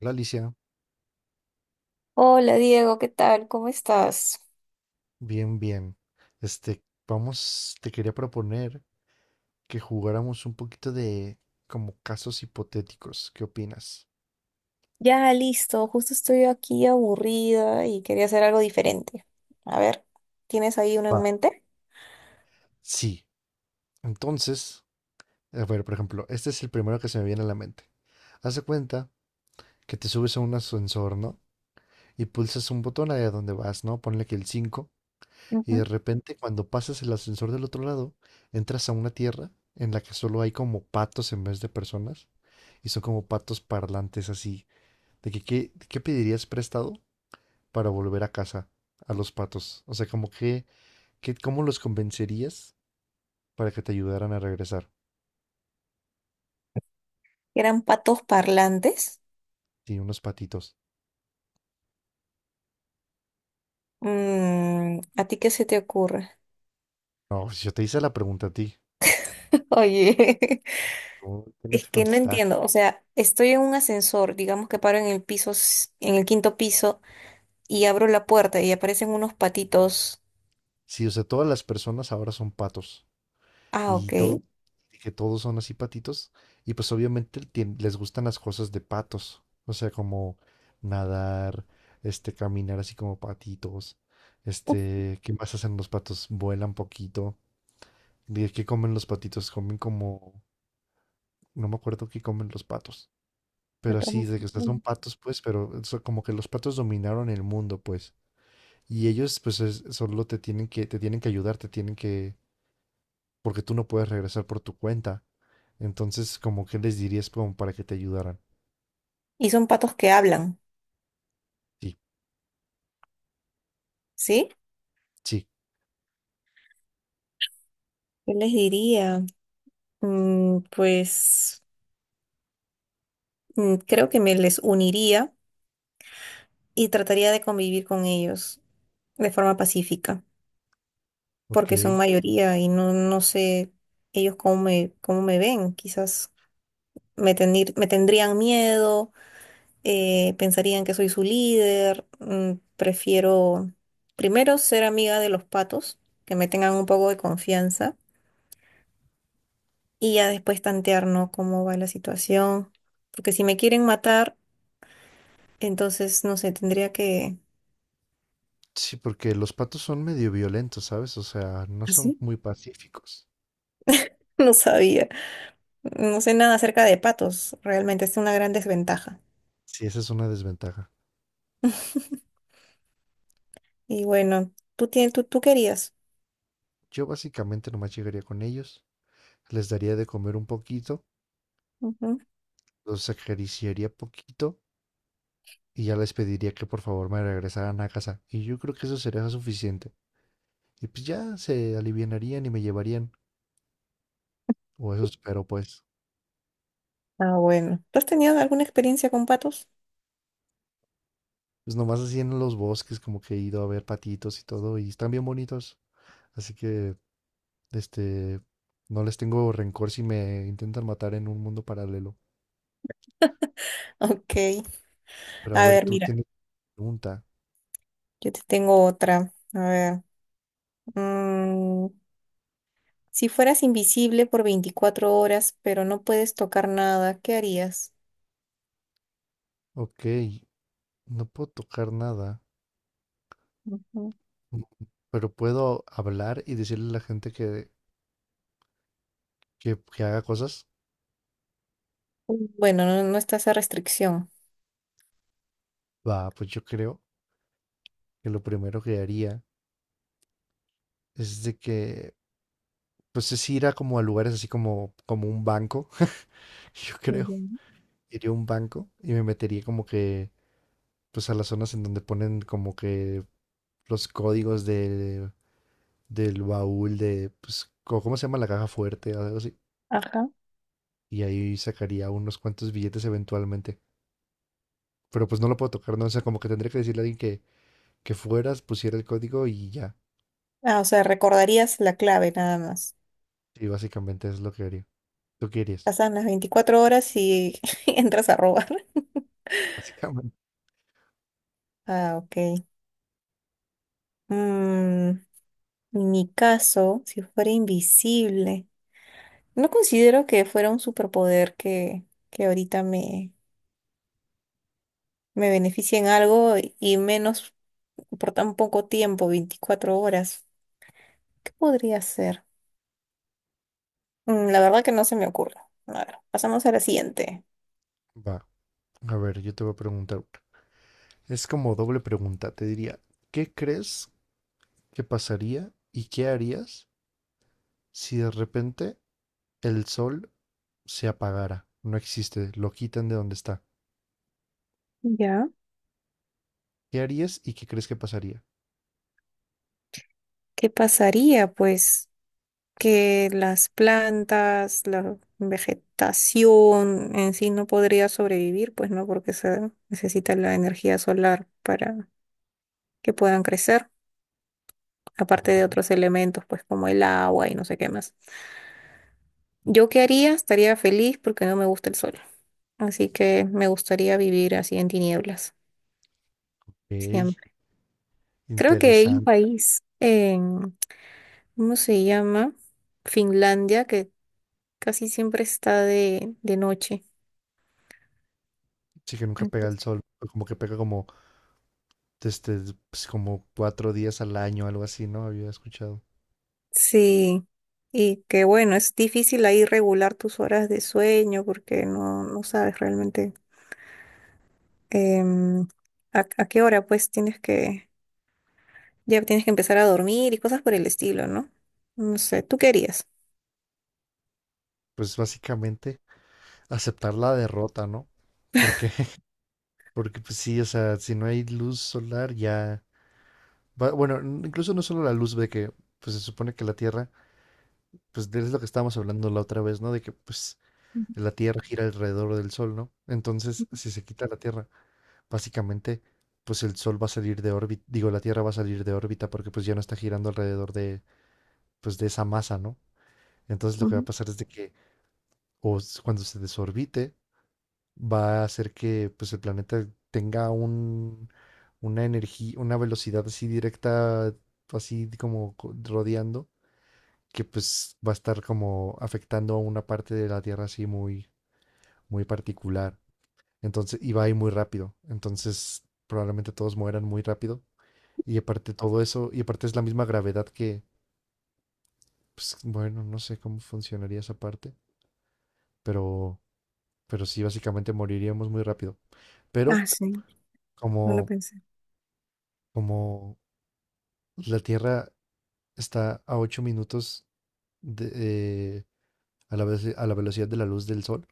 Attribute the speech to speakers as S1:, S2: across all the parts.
S1: Hola Alicia,
S2: Hola Diego, ¿qué tal? ¿Cómo estás?
S1: bien, bien. Este, Vamos, te quería proponer que jugáramos un poquito de como casos hipotéticos. ¿Qué opinas?
S2: Ya listo, justo estoy aquí aburrida y quería hacer algo diferente. A ver, ¿tienes ahí uno en
S1: Va.
S2: mente?
S1: Sí. Entonces, a ver, por ejemplo, este es el primero que se me viene a la mente. Haz de cuenta que te subes a un ascensor, ¿no? Y pulsas un botón ahí a donde vas, ¿no? Ponle que el 5. Y de
S2: Ujú.
S1: repente, cuando pasas el ascensor del otro lado, entras a una tierra en la que solo hay como patos en vez de personas. Y son como patos parlantes así de que qué pedirías prestado para volver a casa a los patos. O sea, ¿cómo los convencerías para que te ayudaran a regresar?
S2: Eran patos parlantes.
S1: Sí, unos patitos.
S2: ¿A ti qué se te ocurre?
S1: No, si yo te hice la pregunta a ti,
S2: Oye,
S1: tú
S2: es
S1: tienes que
S2: que no
S1: contestar.
S2: entiendo, o sea, estoy en un ascensor, digamos que paro en el piso, en el quinto piso y abro la puerta y aparecen unos patitos.
S1: Sí, o sea, todas las personas ahora son patos
S2: Ah,
S1: y
S2: ok.
S1: todo, y que todos son así patitos y pues obviamente les gustan las cosas de patos. O sea, como nadar, caminar así como patitos. ¿Qué más hacen los patos? Vuelan poquito. Dije, ¿qué comen los patitos? Comen como, no me acuerdo qué comen los patos,
S2: Yo
S1: pero así,
S2: tomo-
S1: de que estas son patos, pues, pero eso como que los patos dominaron el mundo, pues. Y ellos, pues, solo te tienen que ayudar, te tienen que, porque tú no puedes regresar por tu cuenta. Entonces, como que les dirías como para que te ayudaran.
S2: Y son patos que hablan,
S1: Sí,
S2: ¿sí?
S1: sí,
S2: ¿Qué les diría? Pues creo que me les uniría y trataría de convivir con ellos de forma pacífica,
S1: ok.
S2: porque son mayoría y no sé ellos cómo me ven. Quizás me tendrían miedo, pensarían que soy su líder. Prefiero primero ser amiga de los patos, que me tengan un poco de confianza y ya después tantear, ¿no? Cómo va la situación. Porque si me quieren matar, entonces, no sé, tendría que…
S1: Sí, porque los patos son medio violentos, ¿sabes? O sea, no son
S2: ¿Así?
S1: muy pacíficos.
S2: No sabía. No sé nada acerca de patos. Realmente es una gran desventaja.
S1: Sí, esa es una desventaja.
S2: Y bueno, tú querías.
S1: Yo básicamente nomás llegaría con ellos, les daría de comer un poquito,
S2: Ujú.
S1: los acariciaría poquito y ya les pediría que por favor me regresaran a casa. Y yo creo que eso sería suficiente. Y pues ya se alivianarían y me llevarían. O eso espero, pues.
S2: Ah, bueno. ¿Tú has tenido alguna experiencia con patos?
S1: Pues nomás así en los bosques, como que he ido a ver patitos y todo, y están bien bonitos. Así que, este, no les tengo rencor si me intentan matar en un mundo paralelo.
S2: Ok.
S1: Pero a
S2: A
S1: ver,
S2: ver,
S1: tú
S2: mira,
S1: tienes pregunta.
S2: yo te tengo otra. A ver. mm, si fueras invisible por 24 horas, pero no puedes tocar nada, ¿qué harías?
S1: Ok, no puedo tocar nada,
S2: Ujú.
S1: mm, pero puedo hablar y decirle a la gente que haga cosas.
S2: Bueno, no, no está esa restricción.
S1: Va, pues yo creo que lo primero que haría es de que, pues es ir a como a lugares así como, como un banco, yo creo.
S2: Ya.
S1: Iría a un banco y me metería como que, pues a las zonas en donde ponen como que los códigos de, del baúl de, pues, ¿cómo se llama la caja fuerte? Algo así.
S2: Ajá.
S1: Y ahí sacaría unos cuantos billetes eventualmente. Pero pues no lo puedo tocar, ¿no? O sea, como que tendría que decirle a alguien que fueras, pusiera el código y ya.
S2: Ah, o sea, recordarías la clave nada más.
S1: Y básicamente es lo que haría. ¿Tú qué harías?
S2: Pasan las 24 horas y entras a robar.
S1: Básicamente.
S2: Ah, ok. Mm, en mi caso, si fuera invisible, no considero que fuera un superpoder que ahorita me beneficie en algo y menos por tan poco tiempo, 24 horas. ¿Qué podría ser? La verdad que no se me ocurre. A ver, pasamos a la siguiente.
S1: Va. A ver, yo te voy a preguntar una. Es como doble pregunta, te diría, ¿qué crees que pasaría y qué harías si de repente el sol se apagara? No existe, lo quitan de donde está.
S2: Ya.
S1: ¿Qué harías y qué crees que pasaría?
S2: ¿Qué pasaría, pues? Que las plantas, la vegetación en sí no podría sobrevivir, pues no, porque se necesita la energía solar para que puedan crecer, aparte de
S1: Ah,
S2: otros elementos, pues como el agua y no sé qué más. ¿Yo qué haría? Estaría feliz porque no me gusta el sol, así que me gustaría vivir así en tinieblas,
S1: ok,
S2: siempre. Creo que hay un
S1: interesante.
S2: país en, ¿cómo se llama? Finlandia, que casi siempre está de, noche.
S1: Sí que nunca pega el sol, pero como que pega como este, pues, como 4 días al año, algo así, ¿no? Había escuchado.
S2: Sí, y que bueno, es difícil ahí regular tus horas de sueño porque no sabes realmente em, a qué hora pues tienes que, ya tienes que empezar a dormir y cosas por el estilo, ¿no? No sé, ¿tú querías?
S1: Pues básicamente aceptar la derrota, ¿no? Porque, porque pues sí, o sea, si no hay luz solar ya Bueno, incluso no solo la luz de que, pues se supone que la Tierra, pues es lo que estábamos hablando la otra vez, ¿no? De que, pues, la Tierra gira alrededor del Sol, ¿no? Entonces, si se quita la Tierra, básicamente, pues el Sol va a salir de órbita, digo, la Tierra va a salir de órbita porque pues ya no está girando alrededor de, pues, de esa masa, ¿no? Entonces lo que va a
S2: Ujú.
S1: pasar es de que, cuando se desorbite, va a hacer que, pues, el planeta tenga un, una energía, una velocidad así directa, así como rodeando que pues va a estar como afectando a una parte de la Tierra así muy, muy particular. Entonces, y va a ir muy rápido. Entonces, probablemente todos mueran muy rápido. Y aparte todo eso, y aparte es la misma gravedad que, pues, bueno, no sé cómo funcionaría esa parte, pero, pero sí, básicamente moriríamos muy rápido. Pero
S2: Ah, sí, no lo
S1: como,
S2: pensé.
S1: como la Tierra está a 8 minutos de, eh, a a la velocidad de la luz del Sol,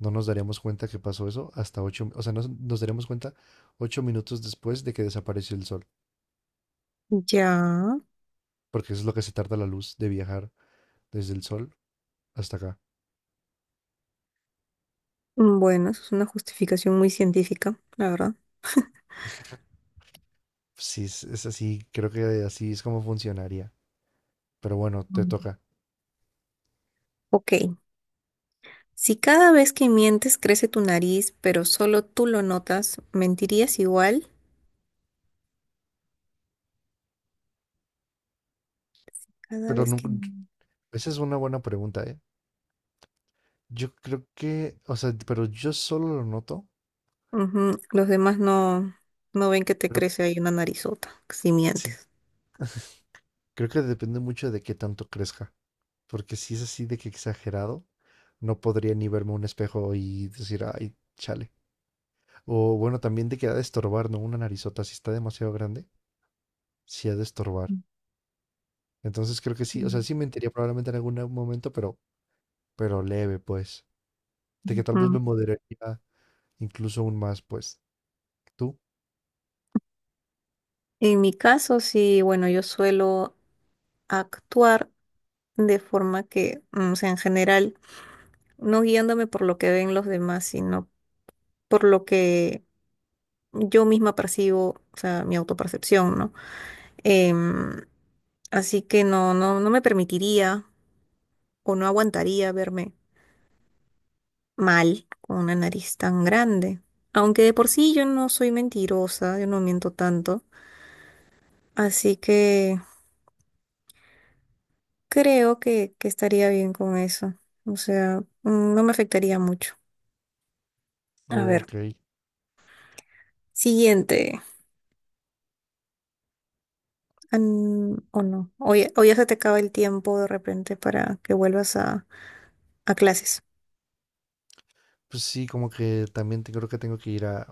S1: no nos daríamos cuenta que pasó eso hasta ocho, o sea, nos daríamos cuenta 8 minutos después de que desapareció el sol,
S2: Ya.
S1: porque eso es lo que se tarda la luz de viajar desde el sol hasta acá.
S2: Bueno, eso es una justificación muy científica, la verdad.
S1: Sí, es así, creo que así es como funcionaría. Pero bueno, te
S2: Mm.
S1: toca.
S2: Ok. Si cada vez que mientes crece tu nariz, pero solo tú lo notas, ¿mentirías igual? Cada
S1: Pero
S2: vez que…
S1: nunca- Esa es una buena pregunta, ¿eh? Yo creo que, o sea, pero yo solo lo noto,
S2: Ujú, los demás no ven que te
S1: pero
S2: crece ahí una narizota, si
S1: sí,
S2: mientes.
S1: creo que depende mucho de qué tanto crezca, porque si es así de que exagerado, no podría ni verme un espejo y decir, ay, chale. O bueno, también de que ha de estorbar, ¿no? Una narizota, si está demasiado grande, sí ha de estorbar. Entonces creo que sí, o sea,
S2: Mm.
S1: sí mentiría probablemente en algún momento, pero leve, pues. De que tal vez
S2: Ujú.
S1: me moderaría incluso aún más, pues. ¿Tú?
S2: En mi caso, sí, bueno, yo suelo actuar de forma que, o sea, en general, no guiándome por lo que ven los demás, sino por lo que yo misma percibo, o sea, mi autopercepción, ¿no? Em, así que no, no, no me permitiría o no aguantaría verme mal con una nariz tan grande. Aunque de por sí yo no soy mentirosa, yo no miento tanto. Así que creo que estaría bien con eso. O sea, no me afectaría mucho. A ver,
S1: Ok.
S2: siguiente. O no. O ya se te acaba el tiempo de repente para que vuelvas a, clases.
S1: Pues sí, como que también creo que tengo que ir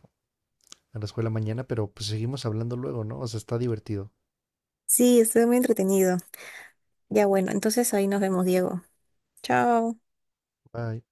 S1: a la escuela mañana, pero pues seguimos hablando luego, ¿no? O sea, está divertido.
S2: Sí, estoy muy entretenido. Ya bueno, entonces ahí nos vemos, Diego. Chao.
S1: Bye.